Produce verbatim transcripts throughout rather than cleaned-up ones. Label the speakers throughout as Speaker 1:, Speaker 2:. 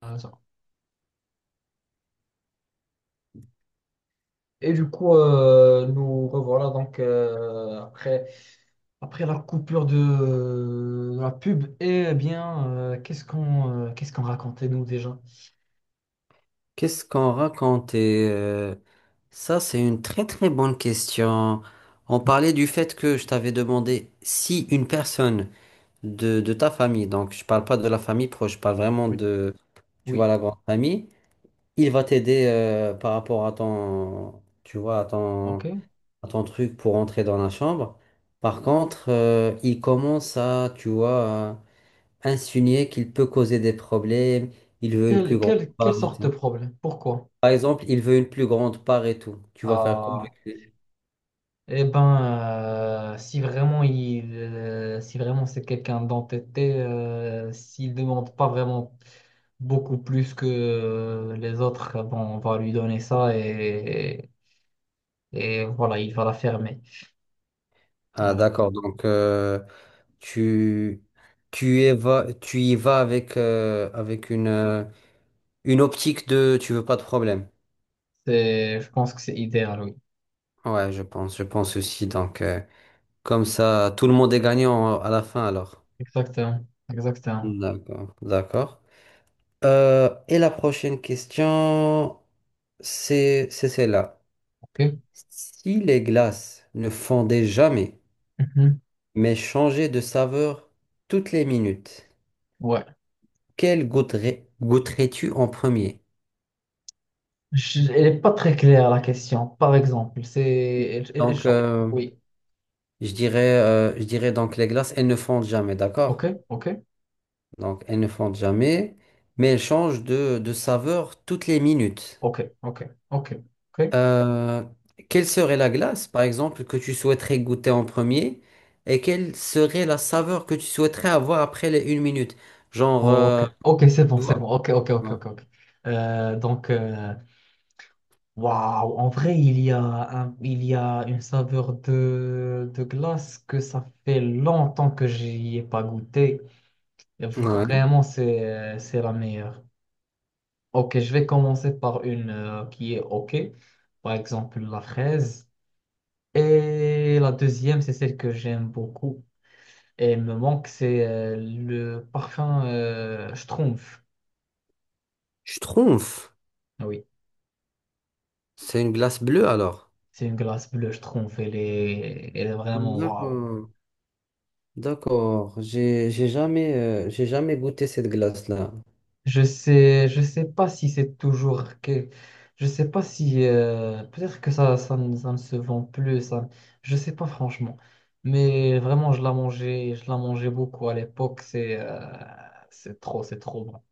Speaker 1: Ah, ça. Et du coup, euh, nous revoilà donc euh, après, après la coupure de, de la pub. Eh bien, euh, qu'est-ce qu'on euh, qu'est-ce qu'on racontait nous déjà?
Speaker 2: Qu'est-ce qu'on raconte? Et, euh, ça, c'est une très très bonne question. On parlait du fait que je t'avais demandé si une personne de, de ta famille, donc je parle pas de la famille proche, je parle vraiment
Speaker 1: Oui.
Speaker 2: de, tu vois,
Speaker 1: Oui,
Speaker 2: la grande famille, il va t'aider euh, par rapport à ton, tu vois, à ton,
Speaker 1: ok.
Speaker 2: à ton truc pour entrer dans la chambre. Par contre, euh, il commence à, tu vois, à insinuer qu'il peut causer des problèmes, il veut une plus
Speaker 1: Quelle,
Speaker 2: grande
Speaker 1: quelle, quelle
Speaker 2: part.
Speaker 1: sorte de problème? Pourquoi?
Speaker 2: Par exemple, il veut une plus grande part et tout. Tu vas faire quoi avec
Speaker 1: Ah,
Speaker 2: lui?
Speaker 1: eh ben, euh, si vraiment il, euh, si vraiment c'est quelqu'un d'entêté, euh, s'il demande pas vraiment beaucoup plus que euh, les autres, bon, on va lui donner ça et et voilà, il va la fermer.
Speaker 2: Ah,
Speaker 1: Voilà.
Speaker 2: d'accord. Donc, euh, tu, tu y vas, tu y vas avec, euh, avec une, euh, une optique de tu veux pas de problème.
Speaker 1: C'est, je pense que c'est idéal, oui.
Speaker 2: Ouais, je pense, je pense aussi. Donc, euh, comme ça, tout le monde est gagnant à la fin alors.
Speaker 1: Exactement, exactement.
Speaker 2: D'accord, d'accord. Euh, et la prochaine question, c'est, c'est celle-là.
Speaker 1: Ok.
Speaker 2: Si les glaces ne fondaient jamais,
Speaker 1: Mhm.
Speaker 2: mais changer de saveur toutes les minutes.
Speaker 1: Ouais.
Speaker 2: Quelle goûterais, goûterais-tu en premier?
Speaker 1: Je- elle n'est pas très claire la question. Par exemple, c'est, elle, elle- elle
Speaker 2: Donc,
Speaker 1: change.
Speaker 2: euh,
Speaker 1: Oui.
Speaker 2: je dirais, euh, je dirais donc les glaces, elles ne fondent jamais,
Speaker 1: Ok,
Speaker 2: d'accord?
Speaker 1: ok,
Speaker 2: Donc, elles ne fondent jamais, mais elles changent de, de saveur toutes les minutes.
Speaker 1: ok, ok, ok, ok,
Speaker 2: Euh, quelle serait la glace, par exemple, que tu souhaiterais goûter en premier? Et quelle serait la saveur que tu souhaiterais avoir après les une minute? Genre,
Speaker 1: ok,
Speaker 2: euh,
Speaker 1: ok, c'est bon,
Speaker 2: tu
Speaker 1: c'est bon.
Speaker 2: vois?
Speaker 1: Ok, ok, ok,
Speaker 2: Ouais.
Speaker 1: ok, ok. Euh, donc, euh, waouh, en vrai, il y a un- il y a une saveur de, de glace que ça fait longtemps que j'y ai pas goûté.
Speaker 2: Ouais.
Speaker 1: Vraiment, c'est, c'est la meilleure. Ok, je vais commencer par une euh, qui est ok. Par exemple, la fraise. Et la deuxième, c'est celle que j'aime beaucoup. Et elle me manque, c'est euh, le parfum euh, Schtroumpf.
Speaker 2: Schtroumpf,
Speaker 1: Ah oui,
Speaker 2: c'est une glace bleue alors.
Speaker 1: c'est une glace bleue Schtroumpf. Elle est, elle est vraiment waouh.
Speaker 2: D'accord, d'accord. J'ai, j'ai jamais, euh, j'ai jamais goûté cette glace-là.
Speaker 1: Je sais, je sais pas si c'est toujours que, je sais pas si euh, peut-être que ça, ça, ne ça ne se vend plus, ça, je sais pas franchement. Mais vraiment, je la mangeais, je la mangeais beaucoup à l'époque. C'est, euh, c'est trop, c'est trop bon.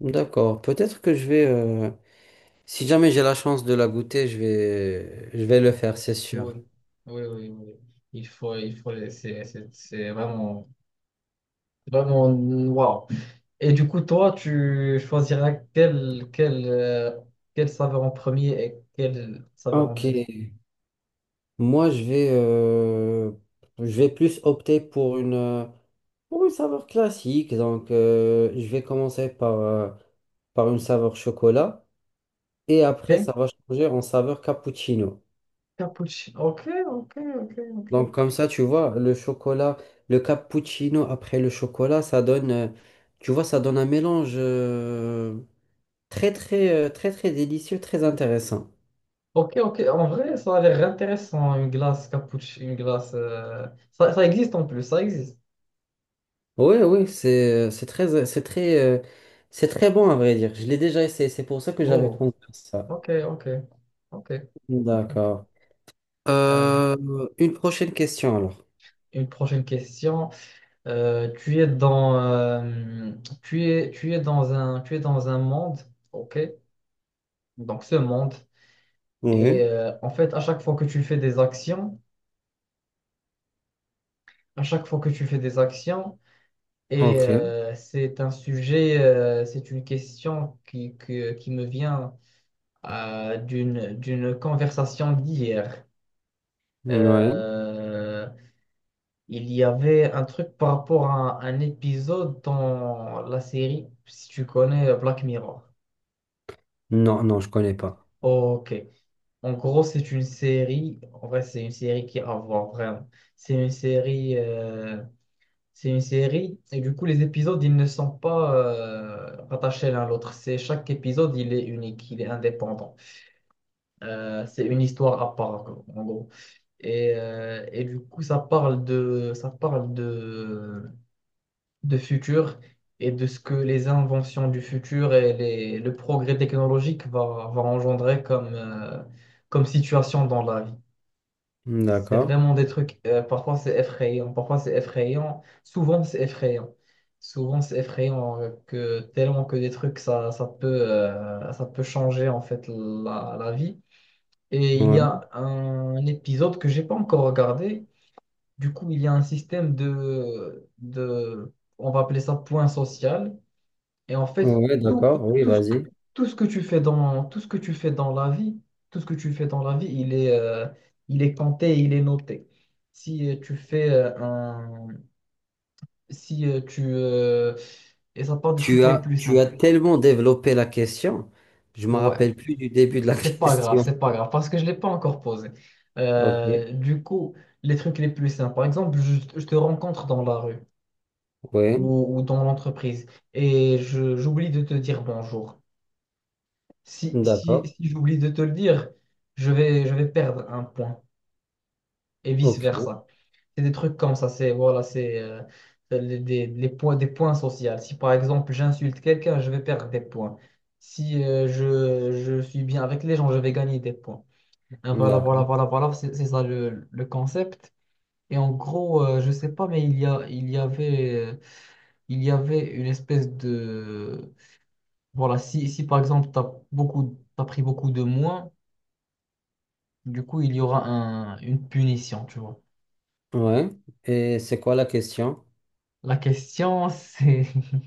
Speaker 2: D'accord. Peut-être que je vais, euh, si jamais j'ai la chance de la goûter, je vais, je vais le faire, c'est sûr.
Speaker 1: Oui, oui, oui, oui. Il faut, il faut, c'est, c'est c'est vraiment, vraiment waouh. Et du coup, toi, tu choisiras quelle, quelle, euh, quelle saveur en premier et quelle saveur en
Speaker 2: Ok.
Speaker 1: deuxième.
Speaker 2: Moi, je vais, euh, je vais plus opter pour une, euh, pour une saveur classique. Donc, euh, je vais commencer par, euh, par une saveur chocolat et après,
Speaker 1: Ok.
Speaker 2: ça va changer en saveur cappuccino.
Speaker 1: Cappuccino. Ok, ok, ok, ok.
Speaker 2: Donc comme ça, tu vois, le chocolat, le cappuccino après le chocolat, ça donne, euh, tu vois, ça donne un mélange euh, très très euh, très très délicieux, très intéressant.
Speaker 1: Ok, ok. En vrai, ça a l'air intéressant, une glace cappuccino, une glace. euh, Ça, ça existe en plus, ça existe.
Speaker 2: Oui, oui, c'est euh, c'est très euh, c'est très euh, c'est très bon à vrai dire. Je l'ai déjà essayé, c'est pour ça que j'avais
Speaker 1: Oh,
Speaker 2: pensé à ça.
Speaker 1: ok, ok, ok. Ok, ok.
Speaker 2: D'accord.
Speaker 1: Euh,
Speaker 2: Euh, une prochaine question alors.
Speaker 1: une prochaine question. Euh, tu es dans, euh, tu es, tu es dans un, tu es dans un monde, ok? Donc ce monde. Et
Speaker 2: Oui.
Speaker 1: euh, en fait, à chaque fois que tu fais des actions, à chaque fois que tu fais des actions. Et
Speaker 2: Ok.
Speaker 1: euh, c'est un sujet, euh, c'est une question qui, que- qui me vient euh, d'une, d'une conversation d'hier.
Speaker 2: Ouais.
Speaker 1: Euh, il y avait un truc par rapport à un, épisode dans la série, si tu connais Black Mirror.
Speaker 2: Non, non, je connais pas.
Speaker 1: Ok. En gros, c'est une série, en vrai, c'est une série qui a à voir vraiment. C'est une série. euh, C'est une série et du coup les épisodes ils ne sont pas euh, rattachés l'un à l'autre. C'est chaque épisode il est unique, il est indépendant. Euh, c'est une histoire à part en gros. Et, euh, et du coup ça parle de ça parle de de futur et de ce que les inventions du futur et les, le progrès technologique va, va engendrer comme euh, comme situation dans la vie. C'est
Speaker 2: D'accord.
Speaker 1: vraiment des trucs, euh, parfois c'est effrayant, parfois c'est effrayant, souvent c'est effrayant. Souvent c'est effrayant euh, que tellement que des trucs, ça, ça peut, euh, ça peut changer en fait la, la vie. Et il y
Speaker 2: Ouais.
Speaker 1: a un épisode que j'ai pas encore regardé. Du coup, il y a un système de, de, on va appeler ça point social. Et en fait,
Speaker 2: Ouais,
Speaker 1: tout,
Speaker 2: d'accord. Oui,
Speaker 1: tout ce que,
Speaker 2: vas-y.
Speaker 1: tout ce que tu fais dans, tout ce que tu fais dans la vie, tout ce que tu fais dans la vie, il est, euh, il est compté, il est noté. Si euh, tu fais euh, un, si euh, tu, euh, Et ça part des trucs
Speaker 2: Tu
Speaker 1: les
Speaker 2: as,
Speaker 1: plus
Speaker 2: tu as
Speaker 1: simples.
Speaker 2: tellement développé la question, je me
Speaker 1: Ouais,
Speaker 2: rappelle plus du début de la
Speaker 1: c'est pas grave,
Speaker 2: question.
Speaker 1: c'est pas grave, parce que je l'ai pas encore posé.
Speaker 2: Ok,
Speaker 1: Euh, du coup, les trucs les plus simples. Par exemple, je, je te rencontre dans la rue
Speaker 2: oui,
Speaker 1: ou, ou dans l'entreprise et je, j'oublie de te dire bonjour. Si, si,
Speaker 2: d'accord,
Speaker 1: si j'oublie de te le dire, je vais, je vais perdre un point et
Speaker 2: ok,
Speaker 1: vice-versa. C'est des trucs comme ça, c'est voilà, c'est euh, les, des, les points, des points sociaux. Si par exemple j'insulte quelqu'un, je vais perdre des points. Si euh, je, je suis bien avec les gens, je vais gagner des points. Hein, voilà, voilà,
Speaker 2: d'accord,
Speaker 1: voilà, voilà, c'est c'est ça le, le concept. Et en gros, euh, je sais pas, mais il y a, il y avait, euh, il y avait une espèce de... Voilà, si, si par exemple, tu as beaucoup, t'as pris beaucoup de moins. Du coup, il y aura un, une punition, tu vois.
Speaker 2: ouais. Et c'est quoi la question?
Speaker 1: La question, c'est...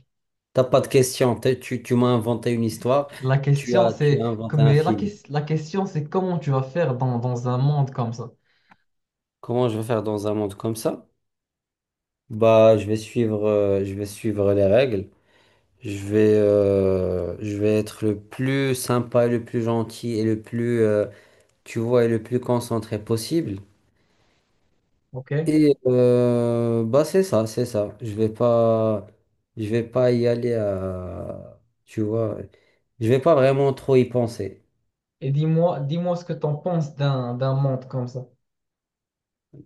Speaker 2: T'as pas de question, t'es- tu, tu m'as inventé une histoire,
Speaker 1: La
Speaker 2: tu
Speaker 1: question,
Speaker 2: as, tu as
Speaker 1: c'est...
Speaker 2: inventé
Speaker 1: comme-
Speaker 2: un
Speaker 1: Mais la,
Speaker 2: film.
Speaker 1: ques- la question, c'est comment tu vas faire dans, dans un monde comme ça.
Speaker 2: Comment je vais faire dans un monde comme ça? Bah, je vais suivre, euh, je vais suivre les règles. Je vais, euh, je vais être le plus sympa, et le plus gentil et le plus, euh, tu vois, et le plus concentré possible.
Speaker 1: OK? Et
Speaker 2: Et euh, bah c'est ça, c'est ça. Je vais pas, je vais pas y aller à, tu vois, je vais pas vraiment trop y penser.
Speaker 1: dis-moi, dis-moi ce que tu en penses d'un, d'un monde comme ça.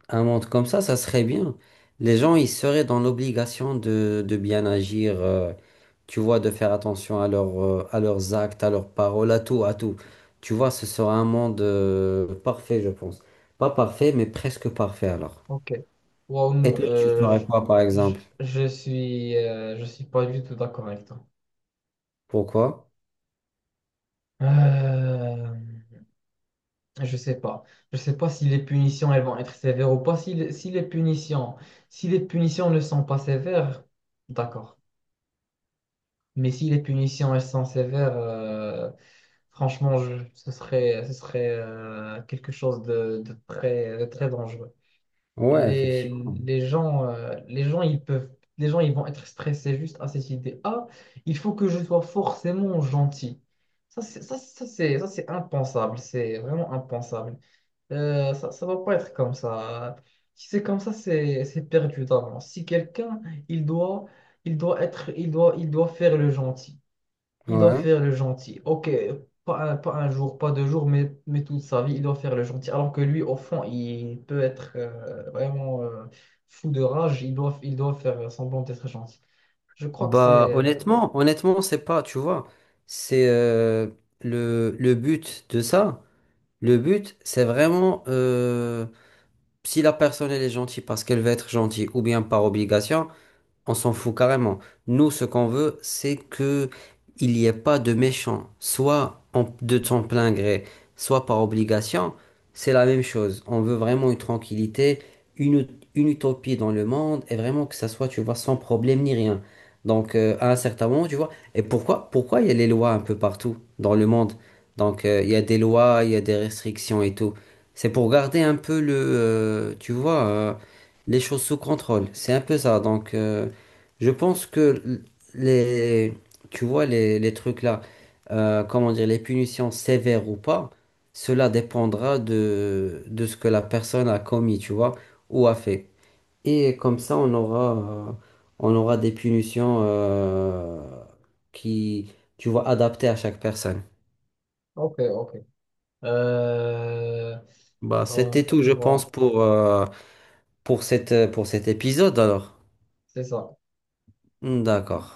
Speaker 2: Un monde comme ça, ça serait bien. Les gens, ils seraient dans l'obligation de, de bien agir, euh, tu vois, de faire attention à leurs, euh, à leurs actes, à leurs paroles, à tout, à tout. Tu vois, ce sera un monde euh, parfait, je pense. Pas parfait, mais presque parfait alors.
Speaker 1: OK. Wow, nous,
Speaker 2: Et toi, tu
Speaker 1: euh,
Speaker 2: ferais
Speaker 1: je,
Speaker 2: quoi, par
Speaker 1: je,
Speaker 2: exemple?
Speaker 1: je suis, euh, je suis pas du tout d'accord avec toi.
Speaker 2: Pourquoi?
Speaker 1: Euh, je sais pas. Je sais pas si les punitions, elles vont être sévères ou pas. Si, les- si les punitions, si les punitions ne sont pas sévères, d'accord. Mais si les punitions elles sont sévères, euh, franchement, je- ce serait, ce serait euh, quelque chose de, de très, de très dangereux.
Speaker 2: Ouais,
Speaker 1: Les,
Speaker 2: effectivement.
Speaker 1: les gens, euh, les gens, ils peuvent, les gens, ils vont être stressés juste à cette idée. Ah, il faut que je sois forcément gentil. Ça, c'est, ça, ça, c'est, ça, c'est impensable. C'est vraiment impensable. Euh, ça, ça va pas être comme ça. Si c'est comme ça, c'est, c'est perdu d'avance. Si quelqu'un, il doit, il doit être, il doit, il doit faire le gentil. Il doit
Speaker 2: Ouais.
Speaker 1: faire le gentil. Ok, pas un, pas un jour, pas deux jours, mais, mais toute sa vie, il doit faire le gentil. Alors que lui, au fond, il peut être euh, vraiment euh, fou de rage. Il doit, il doit faire semblant d'être gentil. Je crois que c'est...
Speaker 2: Bah
Speaker 1: euh,
Speaker 2: honnêtement, honnêtement, c'est pas, tu vois, c'est euh, le, le but de ça. Le but, c'est vraiment euh, si la personne elle est gentille parce qu'elle veut être gentille ou bien par obligation. On s'en fout carrément. Nous, ce qu'on veut, c'est que il n'y ait pas de méchants, soit en- de son plein gré, soit par obligation. C'est la même chose. On veut vraiment une tranquillité, une, ut- une utopie dans le monde, et vraiment que ça soit, tu vois, sans problème ni rien. Donc, euh, à un certain moment, tu vois. Et pourquoi, pourquoi il y a les lois un peu partout dans le monde? Donc, euh, il y a des lois, il y a des restrictions et tout. C'est pour garder un peu le, euh, tu vois, euh, les choses sous contrôle. C'est un peu ça. Donc, euh, je pense que les, tu vois, les, les trucs là, euh, comment dire, les punitions sévères ou pas, cela dépendra de, de ce que la personne a commis, tu vois, ou a fait. Et comme ça, on aura, euh, on aura des punitions euh, qui, tu vois, adaptées à chaque personne.
Speaker 1: Ok, ok. Euh,
Speaker 2: Bah,
Speaker 1: oh,
Speaker 2: c'était tout, je
Speaker 1: voilà,
Speaker 2: pense, pour, euh, pour cette, pour cet épisode alors.
Speaker 1: c'est ça.
Speaker 2: D'accord.